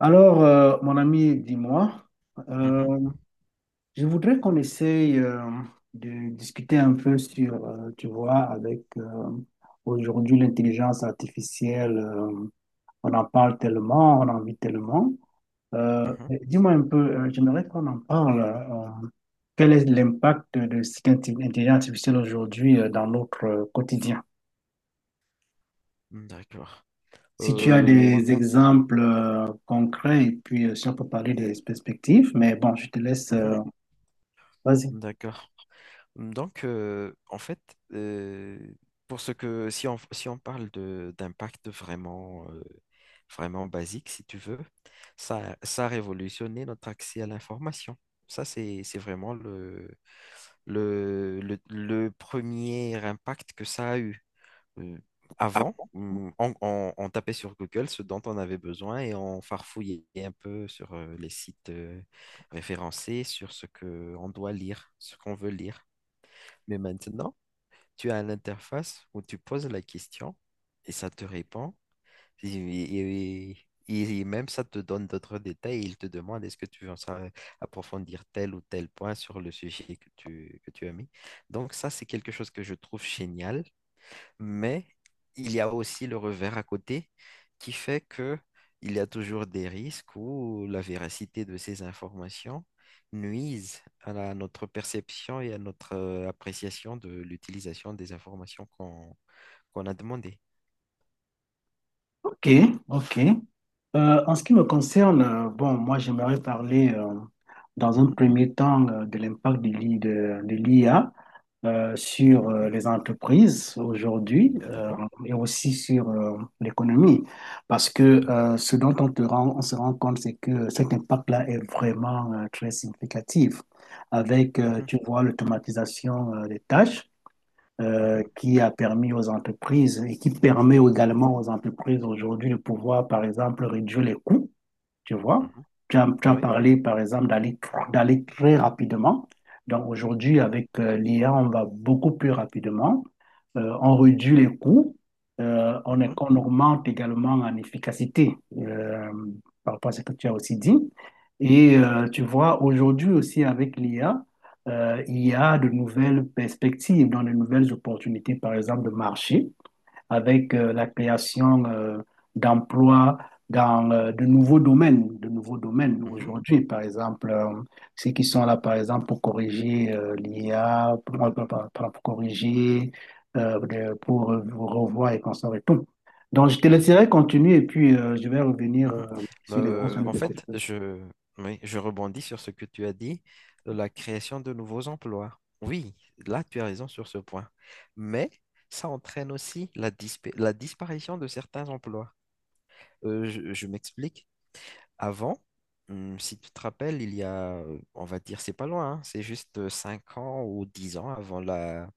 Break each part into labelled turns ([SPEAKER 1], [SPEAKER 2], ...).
[SPEAKER 1] Alors, mon ami, dis-moi,
[SPEAKER 2] Mhm,
[SPEAKER 1] euh, je voudrais qu'on essaye de discuter un peu sur, tu vois, avec aujourd'hui l'intelligence artificielle, on en parle tellement, on en vit tellement.
[SPEAKER 2] mhm,
[SPEAKER 1] Mais dis-moi un peu, j'aimerais qu'on en parle. Quel est l'impact de cette intelligence artificielle aujourd'hui dans notre quotidien?
[SPEAKER 2] d'accord.
[SPEAKER 1] Si tu as
[SPEAKER 2] Moi.
[SPEAKER 1] des exemples concrets et puis si on peut parler des perspectives, mais bon, je te laisse,
[SPEAKER 2] Mhm,
[SPEAKER 1] vas-y.
[SPEAKER 2] d'accord. Donc, en fait, euh, pour ce que si on parle de d'impact vraiment, vraiment basique, si tu veux, ça a révolutionné notre accès à l'information. Ça, c'est vraiment le premier impact que ça a eu. euh, Avant, on tapait sur Google ce dont on avait besoin, et on farfouillait un peu sur les sites référencés, sur ce que on doit lire, ce qu'on veut lire. Mais maintenant, tu as une interface où tu poses la question et ça te répond. Et, et- et même ça te donne d'autres détails. Il te demande est-ce que tu veux approfondir tel ou tel point sur le sujet que tu as mis. Donc ça, c'est quelque chose que je trouve génial, mais il y a aussi le revers à côté, qui fait que il y a toujours des risques où la véracité de ces informations nuise à notre perception et à notre appréciation de l'utilisation des informations qu'on a demandées.
[SPEAKER 1] Ok, ok. En ce qui me concerne, bon, moi j'aimerais parler dans un
[SPEAKER 2] Mhm,
[SPEAKER 1] premier temps de l'impact de l'IA sur
[SPEAKER 2] mhm,
[SPEAKER 1] les entreprises aujourd'hui
[SPEAKER 2] d'accord?
[SPEAKER 1] et aussi sur l'économie. Parce que
[SPEAKER 2] Mhm,
[SPEAKER 1] ce dont on se rend compte, c'est que cet impact-là est vraiment très significatif avec,
[SPEAKER 2] mhm,
[SPEAKER 1] tu vois, l'automatisation des tâches
[SPEAKER 2] mhm,
[SPEAKER 1] qui a permis aux entreprises et qui permet également aux entreprises aujourd'hui de pouvoir, par exemple, réduire les coûts tu vois.
[SPEAKER 2] mhm,
[SPEAKER 1] Tu as
[SPEAKER 2] oui.
[SPEAKER 1] parlé, par exemple, d'aller très rapidement. Donc aujourd'hui,
[SPEAKER 2] Mhm,
[SPEAKER 1] avec l'IA, on va beaucoup plus rapidement. On réduit les coûts.
[SPEAKER 2] mhm,
[SPEAKER 1] On augmente également en efficacité par rapport à ce que tu as aussi dit. Et tu vois, aujourd'hui aussi avec l'IA, il y a de nouvelles perspectives, dans de nouvelles opportunités, par exemple, de marché avec la création d'emplois dans de nouveaux domaines aujourd'hui, par exemple, ceux qui sont là, par exemple, pour corriger l'IA, pour corriger, pour revoir et conserver tout. Donc, je te
[SPEAKER 2] mhm,
[SPEAKER 1] laisserai continuer et puis je vais revenir
[SPEAKER 2] mhm.
[SPEAKER 1] sur les points sur
[SPEAKER 2] En
[SPEAKER 1] lesquels
[SPEAKER 2] fait,
[SPEAKER 1] tu
[SPEAKER 2] oui, je rebondis sur ce que tu as dit, la création de nouveaux emplois. Oui, là, tu as raison sur ce point. Mais ça entraîne aussi la disparition de certains emplois. Je m'explique. Avant, si tu te rappelles, il y a, on va dire, c'est pas loin, hein, c'est juste 5 ans ou 10 ans avant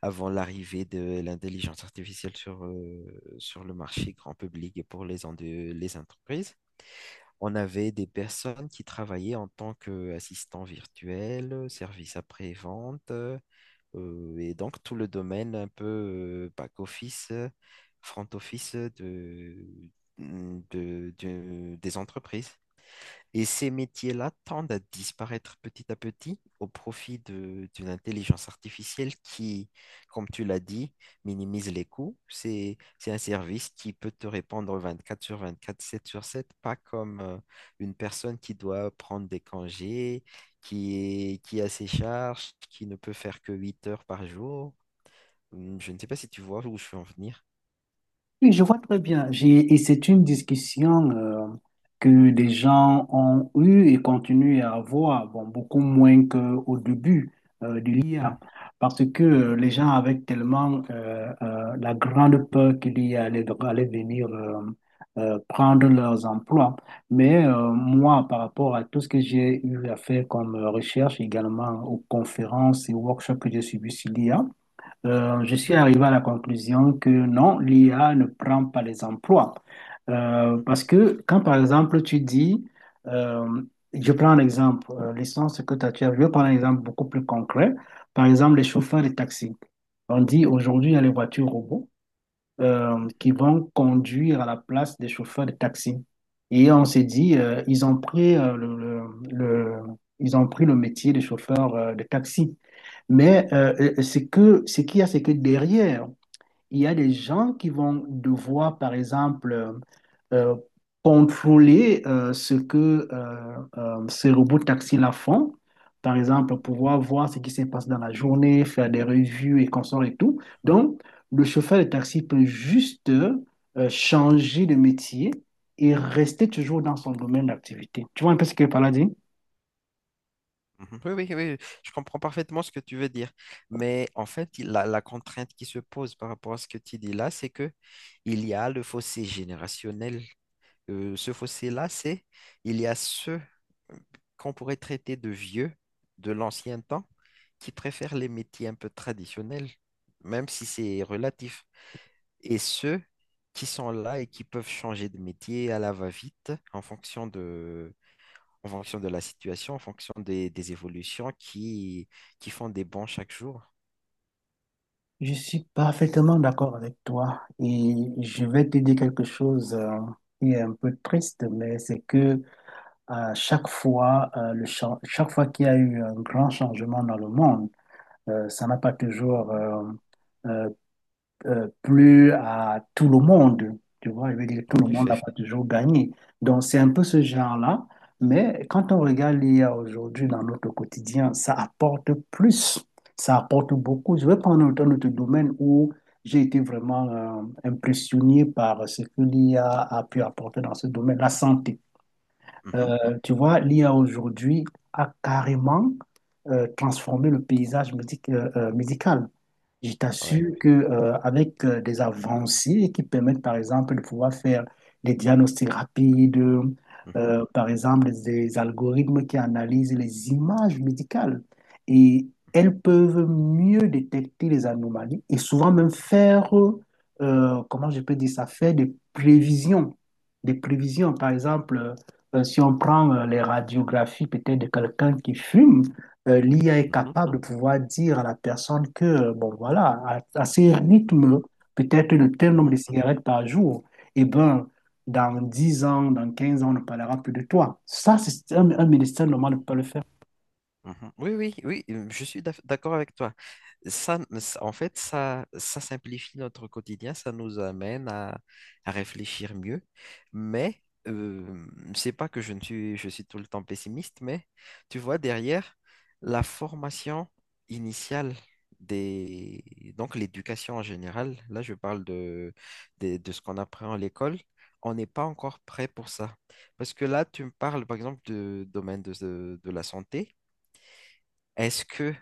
[SPEAKER 2] avant l'arrivée de l'intelligence artificielle sur le marché grand public et pour les entreprises. On avait des personnes qui travaillaient en tant qu'assistants virtuels, service après-vente, et donc tout le domaine un peu back-office, front-office de- des entreprises. Et ces métiers-là tendent à disparaître petit à petit au profit d'une intelligence artificielle qui, comme tu l'as dit, minimise les coûts. C'est un service qui peut te répondre 24 sur 24, 7 sur 7, pas comme une personne qui doit prendre des congés, qui a ses charges, qui ne peut faire que 8 heures par jour. Je ne sais pas si tu vois où je veux en venir.
[SPEAKER 1] Oui, je vois très bien. Et c'est une discussion que les gens ont eue et continuent à avoir, bon, beaucoup moins qu'au début de l'IA, parce que
[SPEAKER 2] Mhm,
[SPEAKER 1] les gens avaient tellement la grande peur qu'il l'IA allait venir prendre leurs emplois. Mais moi, par rapport à tout ce que j'ai eu à faire comme recherche également aux conférences et workshops que j'ai suivis sur l'IA, je
[SPEAKER 2] mhm,
[SPEAKER 1] suis arrivé à la conclusion que non, l'IA ne prend pas les emplois.
[SPEAKER 2] mhm,
[SPEAKER 1] Parce que quand, par exemple, tu dis, euh, je prends un exemple, l'essence que t'as- tu as, je vais prendre un exemple beaucoup plus concret. Par exemple, les chauffeurs de taxi. On dit aujourd'hui, il y a les voitures robots
[SPEAKER 2] mhm,
[SPEAKER 1] qui vont conduire à la place des chauffeurs de taxi. Et on s'est dit, ils ont pris, le- ils ont pris le métier de chauffeur de taxi. Mais
[SPEAKER 2] mhm.
[SPEAKER 1] ce qu'il y a, c'est que derrière, il y a des gens qui vont devoir, par exemple, euh, contrôler ce que ces robots taxis-là font. Par exemple, pouvoir voir ce qui se passe dans la journée, faire des revues et consorts et tout. Donc, le chauffeur de taxi peut juste changer de métier et rester toujours dans son domaine d'activité. Tu vois un peu ce que Paladin?
[SPEAKER 2] Mhm. Oui, oui, oui, je comprends parfaitement ce que tu veux dire. Mais en fait, la contrainte qui se pose par rapport à ce que tu dis là, c'est que il y a le fossé générationnel. Ce fossé-là, c'est il y a ceux euh, qu'on pourrait traiter de vieux de l'ancien temps, qui préfèrent les métiers un peu traditionnels, même si c'est relatif. Et ceux qui sont là et qui peuvent changer de métier à la va-vite, en fonction de la situation, en fonction des évolutions qui font des bons chaque jour.
[SPEAKER 1] Je suis parfaitement d'accord avec toi et je vais te dire quelque chose qui est un peu triste, mais c'est que à chaque fois, chaque fois qu'il y a eu un grand changement dans le monde, ça n'a pas
[SPEAKER 2] Mhm.
[SPEAKER 1] toujours euh, plus à tout le monde. Tu vois, je veux dire, tout
[SPEAKER 2] En
[SPEAKER 1] le monde n'a
[SPEAKER 2] effet.
[SPEAKER 1] pas toujours gagné. Donc, c'est un peu ce genre-là. Mais quand on regarde l'IA aujourd'hui dans notre quotidien, ça apporte plus. Ça apporte beaucoup. Je vais prendre un autre domaine où j'ai été vraiment impressionné par ce que l'IA a pu apporter dans ce domaine, la santé.
[SPEAKER 2] Mhm.
[SPEAKER 1] Tu vois, l'IA aujourd'hui a carrément transformé le paysage médical. Je
[SPEAKER 2] Ouais.
[SPEAKER 1] t'assure que, avec des avancées qui permettent, par exemple, de pouvoir faire des diagnostics rapides,
[SPEAKER 2] Mhm.
[SPEAKER 1] par exemple, des algorithmes qui analysent les images médicales, et elles peuvent mieux détecter les anomalies et souvent même faire, comment je peux dire ça, faire des prévisions. Des prévisions, par exemple, si on prend les radiographies peut-être de quelqu'un qui fume, l'IA est
[SPEAKER 2] Mhm.
[SPEAKER 1] capable de pouvoir dire à la personne que, bon, voilà, à ce
[SPEAKER 2] Mhm.
[SPEAKER 1] rythme, peut-être de tel nombre
[SPEAKER 2] Mhm.
[SPEAKER 1] de cigarettes par jour, eh ben, dans 10 ans, dans 15 ans, on ne parlera plus de toi. Ça, c'est
[SPEAKER 2] Mhm.
[SPEAKER 1] un médecin normal ne peut pas le faire.
[SPEAKER 2] Mhm. Oui, oui, oui, je suis d'accord avec toi. En fait, ça simplifie notre quotidien, ça nous amène à réfléchir mieux. Mais euh, c'est pas que je ne suis, je suis tout le temps pessimiste, mais tu vois, derrière, la formation initiale des, donc l'éducation en général, là, je parle de ce qu'on apprend à l'école, on n'est pas encore prêt pour ça. Parce que là, tu me parles, par exemple, du domaine de la santé. Est-ce que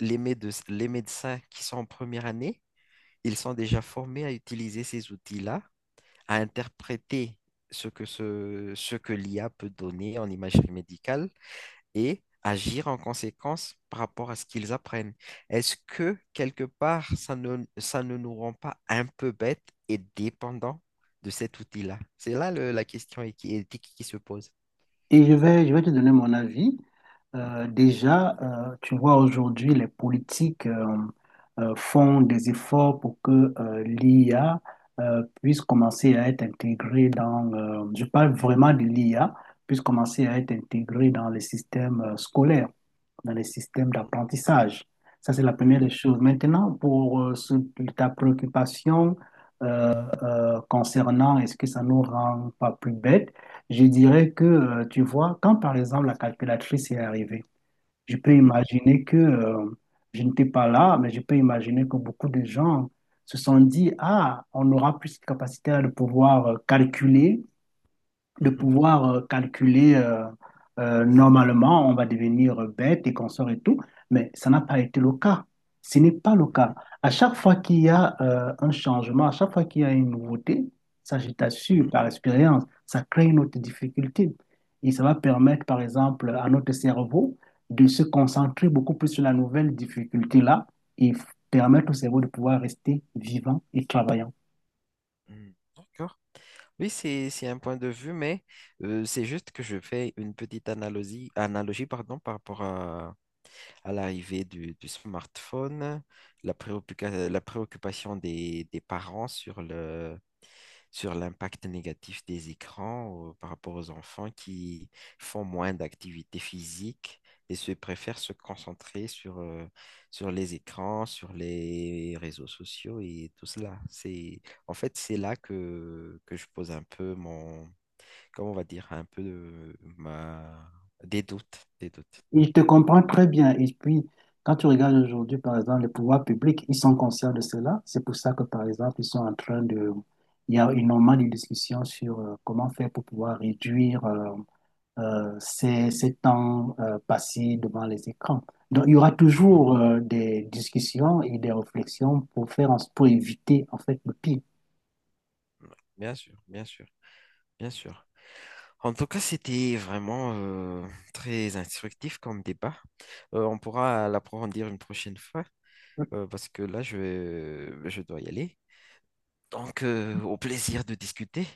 [SPEAKER 2] les médecins qui sont en première année, ils sont déjà formés à utiliser ces outils-là, à interpréter ce que l'IA peut donner en imagerie médicale et agir en conséquence par rapport à ce qu'ils apprennent? Est-ce que quelque part, ça ne nous rend pas un peu bêtes et dépendants de cet outil-là? C'est là la question éthique qui se pose.
[SPEAKER 1] Et je vais te donner mon avis. Déjà, tu vois, aujourd'hui, les politiques font des efforts pour que l'IA puisse commencer à être intégrée dans, je parle vraiment de l'IA, puisse commencer à être intégrée dans les systèmes scolaires dans les systèmes d'apprentissage. Ça, c'est la première
[SPEAKER 2] Mhm,
[SPEAKER 1] des choses. Maintenant, pour ta préoccupation concernant est-ce que ça nous rend pas plus bêtes, je dirais que, tu vois, quand par exemple la calculatrice est arrivée, je peux
[SPEAKER 2] mhm,
[SPEAKER 1] imaginer que je n'étais pas là, mais je peux imaginer que beaucoup de gens se sont dit, ah, on aura plus de capacité à de pouvoir calculer de
[SPEAKER 2] mhm,
[SPEAKER 1] pouvoir euh, calculer euh, normalement, on va devenir bête et consort et tout, mais ça n'a pas été le cas. Ce n'est pas le
[SPEAKER 2] mhm,
[SPEAKER 1] cas. À chaque fois qu'il y a un changement, à chaque fois qu'il y a une nouveauté, ça, je t'assure,
[SPEAKER 2] mhm,
[SPEAKER 1] par expérience, ça crée une autre difficulté. Et ça va permettre, par exemple, à notre cerveau de se concentrer beaucoup plus sur la nouvelle difficulté-là et permettre au cerveau de pouvoir rester vivant et travaillant.
[SPEAKER 2] mhm. D'accord. Oui, c'est un point de vue, mais c'est juste que je fais une petite analogie, analogie pardon, par rapport à l'arrivée du smartphone, la préoccupation des parents sur l'impact négatif des écrans par rapport aux enfants qui font moins d'activités physiques et se préfèrent se concentrer sur les écrans, sur les réseaux sociaux et tout cela. En fait, c'est là que je pose un peu comment on va dire, un peu de, ma, des doutes, des doutes.
[SPEAKER 1] Ils te comprennent très bien. Et puis, quand tu regardes aujourd'hui, par exemple, les pouvoirs publics, ils sont conscients de cela. C'est pour ça que, par exemple, ils sont en train de... Il y a énormément de discussions sur comment faire pour pouvoir réduire ces temps passés devant les écrans. Donc, il y aura
[SPEAKER 2] Mhm.
[SPEAKER 1] toujours des discussions et des réflexions pour faire, pour éviter en fait le pire.
[SPEAKER 2] Bien sûr, bien sûr, bien sûr. En tout cas, c'était vraiment très instructif comme débat. On pourra l'approfondir une prochaine fois parce que là, je dois y aller. Donc, au plaisir de discuter.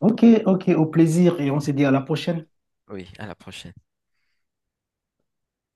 [SPEAKER 1] Ok, ok, au plaisir et on se dit à la prochaine.
[SPEAKER 2] Oui, à la prochaine.